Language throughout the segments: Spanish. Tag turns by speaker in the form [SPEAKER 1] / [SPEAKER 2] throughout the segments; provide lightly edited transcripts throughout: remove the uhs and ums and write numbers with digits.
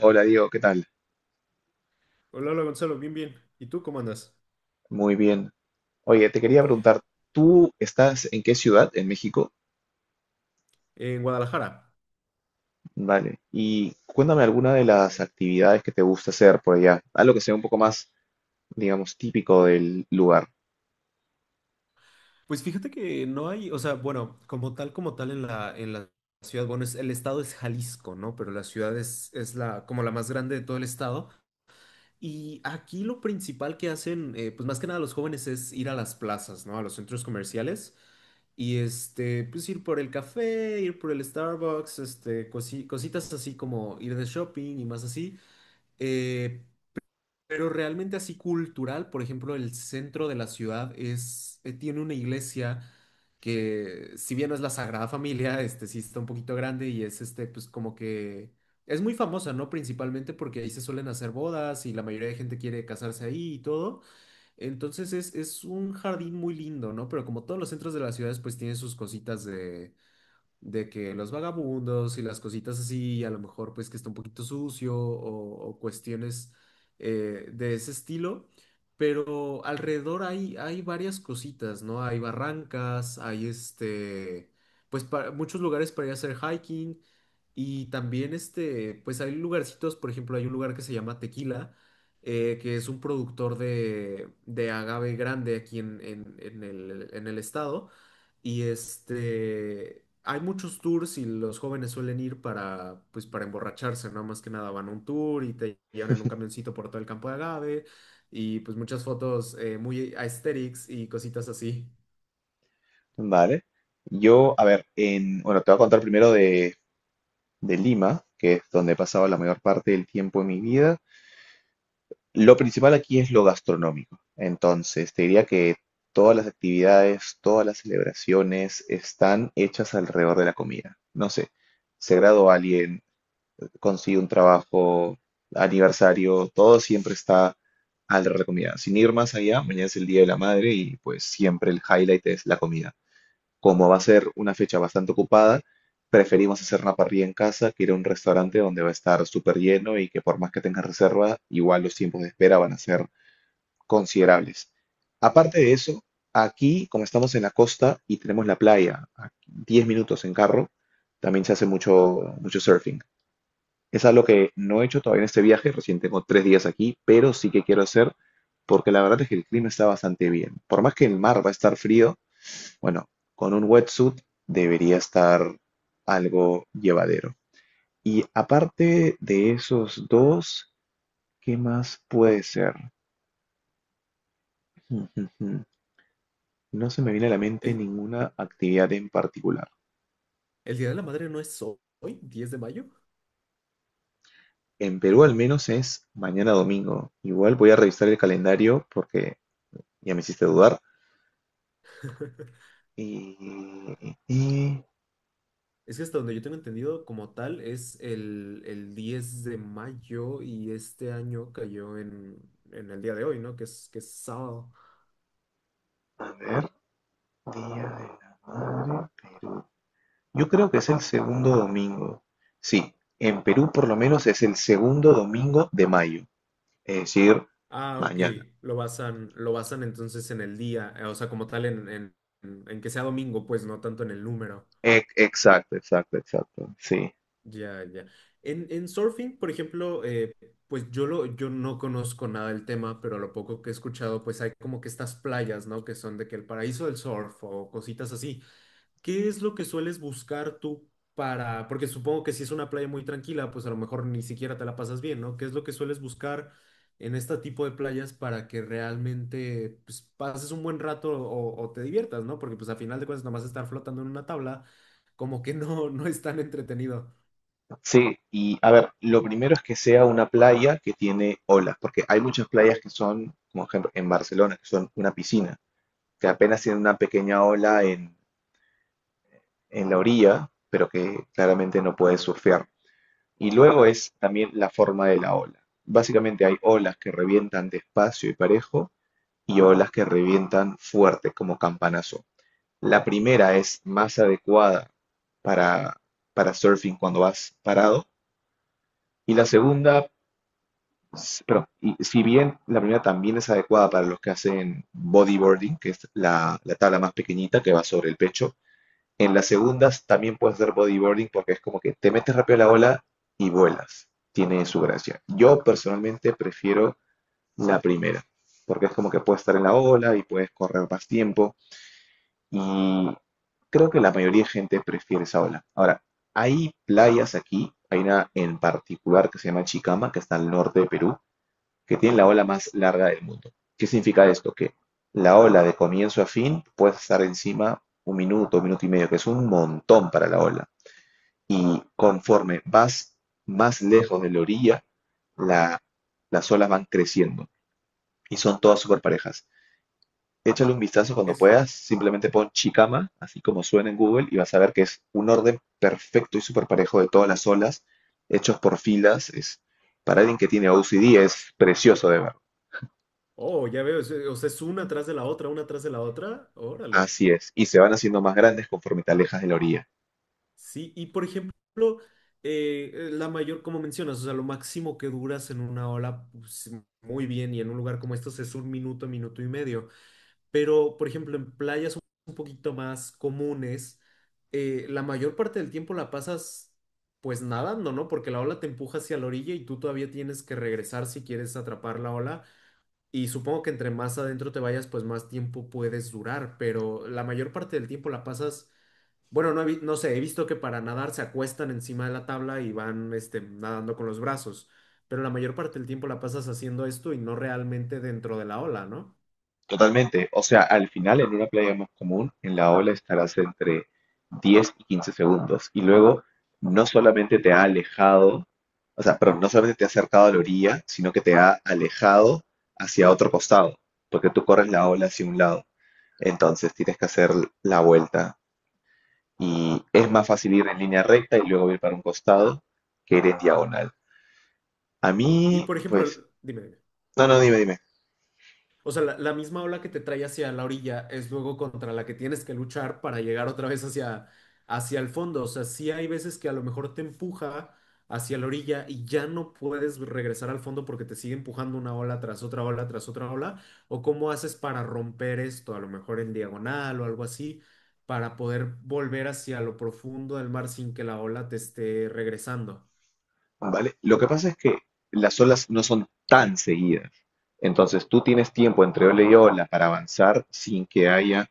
[SPEAKER 1] Hola Diego, ¿qué tal?
[SPEAKER 2] Hola, hola Gonzalo, bien, bien. ¿Y tú cómo andas?
[SPEAKER 1] Muy bien. Oye, te quería preguntar, ¿tú estás en qué ciudad? ¿En México?
[SPEAKER 2] En Guadalajara.
[SPEAKER 1] Vale. Y cuéntame alguna de las actividades que te gusta hacer por allá. Algo que sea un poco más, digamos, típico del lugar.
[SPEAKER 2] Pues fíjate que no hay, o sea, bueno, como tal en la ciudad, bueno, es, el estado es Jalisco, ¿no? Pero la ciudad es la, como la más grande de todo el estado. Y aquí lo principal que hacen, pues más que nada los jóvenes es ir a las plazas, ¿no? A los centros comerciales. Y este, pues ir por el café, ir por el Starbucks, este, cositas así como ir de shopping y más así. Eh, Pero realmente así cultural, por ejemplo, el centro de la ciudad es, tiene una iglesia que, si bien no es la Sagrada Familia, este sí está un poquito grande y es este, pues como que es muy famosa, ¿no? Principalmente porque ahí se suelen hacer bodas y la mayoría de gente quiere casarse ahí y todo. Entonces es un jardín muy lindo, ¿no? Pero como todos los centros de las ciudades, pues tiene sus cositas de que los vagabundos y las cositas así, a lo mejor pues que está un poquito sucio o cuestiones de ese estilo, pero alrededor hay, hay varias cositas, ¿no? Hay barrancas, hay este, pues muchos lugares para ir a hacer hiking, y también, este, pues hay lugarcitos, por ejemplo, hay un lugar que se llama Tequila, que es un productor de agave grande aquí en, en el estado. Y este, hay muchos tours y los jóvenes suelen ir para, pues, para emborracharse, ¿no? Más que nada van a un tour y te llevan en un camioncito por todo el campo de agave y pues muchas fotos muy aesthetics y cositas así.
[SPEAKER 1] Vale. Yo, a ver, te voy a contar primero de Lima, que es donde he pasado la mayor parte del tiempo de mi vida. Lo principal aquí es lo gastronómico. Entonces, te diría que todas las actividades, todas las celebraciones están hechas alrededor de la comida. No sé, se graduó alguien, consigue un trabajo, aniversario, todo siempre está alrededor de la comida. Sin ir más allá, mañana es el Día de la Madre y pues siempre el highlight es la comida. Como va a ser una fecha bastante ocupada, preferimos hacer una parrilla en casa que ir a un restaurante donde va a estar súper lleno y que por más que tengas reserva, igual los tiempos de espera van a ser considerables. Aparte de eso, aquí, como estamos en la costa y tenemos la playa a 10 minutos en carro, también se hace mucho surfing. Es algo que no he hecho todavía en este viaje, recién tengo tres días aquí, pero sí que quiero hacer porque la verdad es que el clima está bastante bien. Por más que el mar va a estar frío, bueno, con un wetsuit debería estar algo llevadero. Y aparte de esos dos, ¿qué más puede ser? No se me viene a la mente
[SPEAKER 2] ¿El,
[SPEAKER 1] ninguna actividad en particular.
[SPEAKER 2] el Día de la Madre no es hoy, 10 de mayo?
[SPEAKER 1] En Perú al menos es mañana domingo. Igual voy a revisar el calendario porque ya me hiciste dudar. Y, y-
[SPEAKER 2] Es que hasta donde yo tengo entendido como tal es el 10 de mayo y este año cayó en el día de hoy, ¿no? Que es sábado.
[SPEAKER 1] a ver, Día de la Madre, Perú. Yo creo que es el segundo domingo. Sí, en Perú por lo menos es el segundo domingo de mayo. Es decir,
[SPEAKER 2] Ah, ok.
[SPEAKER 1] mañana.
[SPEAKER 2] Lo basan entonces en el día, o sea, como tal en que sea domingo, pues no tanto en el número.
[SPEAKER 1] E- exacto, exacto, exacto. Sí.
[SPEAKER 2] Ya, ya. En surfing, por ejemplo, pues yo, lo, yo no conozco nada del tema, pero lo poco que he escuchado, pues hay como que estas playas, ¿no? Que son de que el paraíso del surf o cositas así. ¿Qué es lo que sueles buscar tú para, porque supongo que si es una playa muy tranquila, pues a lo mejor ni siquiera te la pasas bien, ¿no? ¿Qué es lo que sueles buscar en este tipo de playas para que realmente pues, pases un buen rato o te diviertas, ¿no? Porque pues a final de cuentas nomás estar flotando en una tabla como que no, no es tan entretenido.
[SPEAKER 1] Sí, y a ver, lo primero es que sea una playa que tiene olas, porque hay muchas playas que son, como ejemplo, en Barcelona, que son una piscina, que apenas tiene una pequeña ola en la orilla, pero que claramente no puedes surfear. Y luego es también la forma de la ola. Básicamente hay olas que revientan despacio y parejo y olas que revientan fuerte, como campanazo. La primera es más adecuada para, para surfing cuando vas parado. Y la segunda y si bien la primera también es adecuada para los que hacen bodyboarding, que es la tabla más pequeñita que va sobre el pecho, en las segundas también puedes hacer bodyboarding porque es como que te metes rápido a la ola y vuelas. Tiene su gracia. Yo personalmente prefiero la primera, porque es como que puedes estar en la ola y puedes correr más tiempo y creo que la mayoría de gente prefiere esa ola. Ahora, hay playas aquí, hay una en particular que se llama Chicama, que está al norte de Perú, que tienen la ola más larga del mundo. ¿Qué significa esto? Que la ola de comienzo a fin puede estar encima 1 minuto, 1 minuto y medio, que es un montón para la ola. Y conforme vas más lejos de la orilla, la- las olas van creciendo y son todas súper parejas. Échale un vistazo cuando
[SPEAKER 2] Es,
[SPEAKER 1] puedas, simplemente pon Chicama, así como suena en Google, y vas a ver que es un orden perfecto y súper parejo de todas las olas, hechos por filas. Es, para alguien que tiene OCD es precioso de ver.
[SPEAKER 2] oh, ya veo, o sea, es una atrás de la otra, una atrás de la otra, órale.
[SPEAKER 1] Así es, y se van haciendo más grandes conforme te alejas de la orilla.
[SPEAKER 2] Sí, y por ejemplo, la mayor, como mencionas, o sea, lo máximo que duras en una ola, pues, muy bien, y en un lugar como estos es un minuto, minuto y medio. Pero, por ejemplo, en playas un poquito más comunes, la mayor parte del tiempo la pasas pues nadando, ¿no? Porque la ola te empuja hacia la orilla y tú todavía tienes que regresar si quieres atrapar la ola. Y supongo que entre más adentro te vayas, pues más tiempo puedes durar, pero la mayor parte del tiempo la pasas bueno, no, no sé, he visto que para nadar se acuestan encima de la tabla y van este, nadando con los brazos, pero la mayor parte del tiempo la pasas haciendo esto y no realmente dentro de la ola, ¿no?
[SPEAKER 1] Totalmente. O sea, al final, en una playa más común, en la ola estarás entre 10 y 15 segundos. Y luego, no solamente te ha alejado, o sea, perdón, no solamente te ha acercado a la orilla, sino que te ha alejado hacia otro costado, porque tú corres la ola hacia un lado. Entonces, tienes que hacer la vuelta. Y es más fácil ir en línea recta y luego ir para un costado que ir en diagonal. A
[SPEAKER 2] Y
[SPEAKER 1] mí,
[SPEAKER 2] por
[SPEAKER 1] pues,
[SPEAKER 2] ejemplo, dime,
[SPEAKER 1] no, no, dime, dime.
[SPEAKER 2] o sea, la misma ola que te trae hacia la orilla es luego contra la que tienes que luchar para llegar otra vez hacia, hacia el fondo. O sea, sí hay veces que a lo mejor te empuja hacia la orilla y ya no puedes regresar al fondo porque te sigue empujando una ola tras otra ola tras otra ola. ¿O cómo haces para romper esto? A lo mejor en diagonal o algo así, para poder volver hacia lo profundo del mar sin que la ola te esté regresando.
[SPEAKER 1] ¿Vale? Lo que pasa es que las olas no son tan seguidas. Entonces tú tienes tiempo entre ola y ola para avanzar sin que haya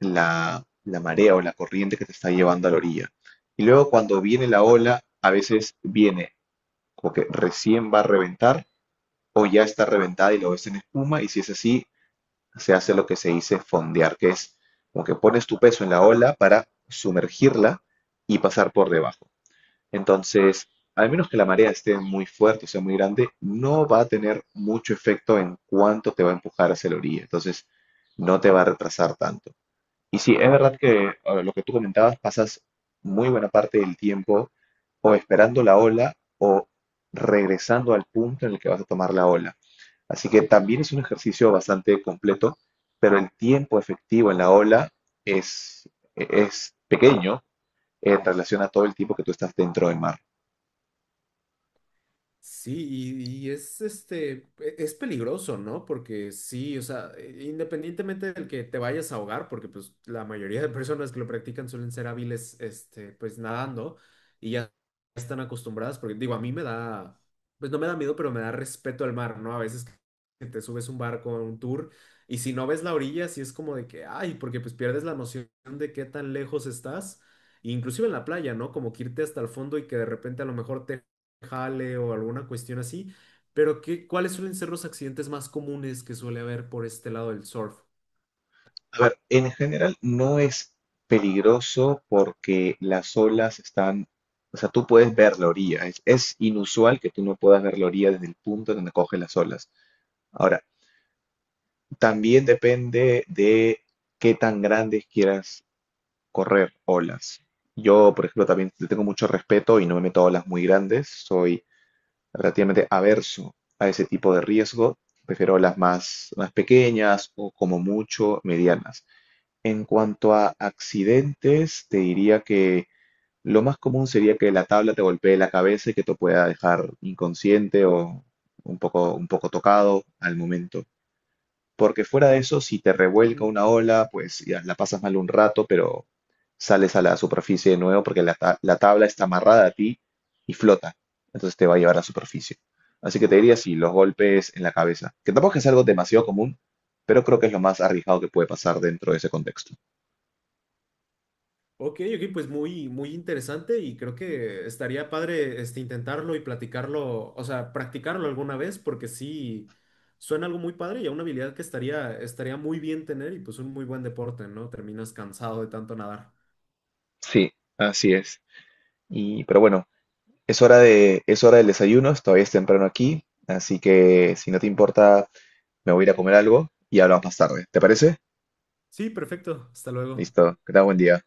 [SPEAKER 1] la marea o la corriente que te está llevando a la orilla. Y luego cuando viene la ola, a veces viene como que recién va a reventar o ya está reventada y lo ves en espuma y si es así, se hace lo que se dice fondear, que es como que pones tu peso en la ola para sumergirla y pasar por debajo. Entonces, al menos que la marea esté muy fuerte o sea muy grande, no va a tener mucho efecto en cuánto te va a empujar hacia la orilla. Entonces, no te va a retrasar tanto. Y sí, es verdad que lo que tú comentabas, pasas muy buena parte del tiempo o esperando la ola o regresando al punto en el que vas a tomar la ola. Así que también es un ejercicio bastante completo, pero el tiempo efectivo en la ola es, es pequeño en relación a todo el tiempo que tú estás dentro del mar.
[SPEAKER 2] Sí, y es este, es peligroso, ¿no? Porque sí, o sea, independientemente del que te vayas a ahogar, porque pues la mayoría de personas que lo practican suelen ser hábiles, este, pues nadando y ya están acostumbradas, porque digo, a mí me da, pues no me da miedo, pero me da respeto al mar, ¿no? A veces que te subes un barco, a un tour, y si no ves la orilla, sí es como de que, ay, porque pues pierdes la noción de qué tan lejos estás, inclusive en la playa, ¿no? Como que irte hasta el fondo y que de repente a lo mejor te jale o alguna cuestión así, pero ¿qué, cuáles suelen ser los accidentes más comunes que suele haber por este lado del surf?
[SPEAKER 1] A ver, en general no es peligroso porque las olas están, o sea, tú puedes ver la orilla. Es inusual que tú no puedas ver la orilla desde el punto donde coge las olas. Ahora, también depende de qué tan grandes quieras correr olas. Yo, por ejemplo, también le tengo mucho respeto y no me meto a olas muy grandes. Soy relativamente averso a ese tipo de riesgo. Prefiero olas más pequeñas o como mucho medianas. En cuanto a accidentes, te diría que lo más común sería que la tabla te golpee la cabeza y que te pueda dejar inconsciente o un poco tocado al momento. Porque fuera de eso, si te revuelca
[SPEAKER 2] Mm.
[SPEAKER 1] una ola, pues ya la pasas mal un rato, pero sales a la superficie de nuevo porque la tabla está amarrada a ti y flota. Entonces te va a llevar a la superficie. Así que te diría sí, los golpes en la cabeza. Que tampoco es algo demasiado común, pero creo que es lo más arriesgado que puede pasar dentro de ese contexto.
[SPEAKER 2] Ok, ok, pues muy, muy interesante y creo que estaría padre este, intentarlo y platicarlo, o sea, practicarlo alguna vez porque sí suena algo muy padre y a una habilidad que estaría, estaría muy bien tener y pues un muy buen deporte, ¿no? Terminas cansado de tanto nadar.
[SPEAKER 1] Sí, así es. Y, pero bueno, es hora del desayuno, todavía es temprano aquí, así que si no te importa, me voy a ir a comer algo y hablamos más tarde. ¿Te parece?
[SPEAKER 2] Sí, perfecto, hasta luego.
[SPEAKER 1] Listo, que tengas buen día.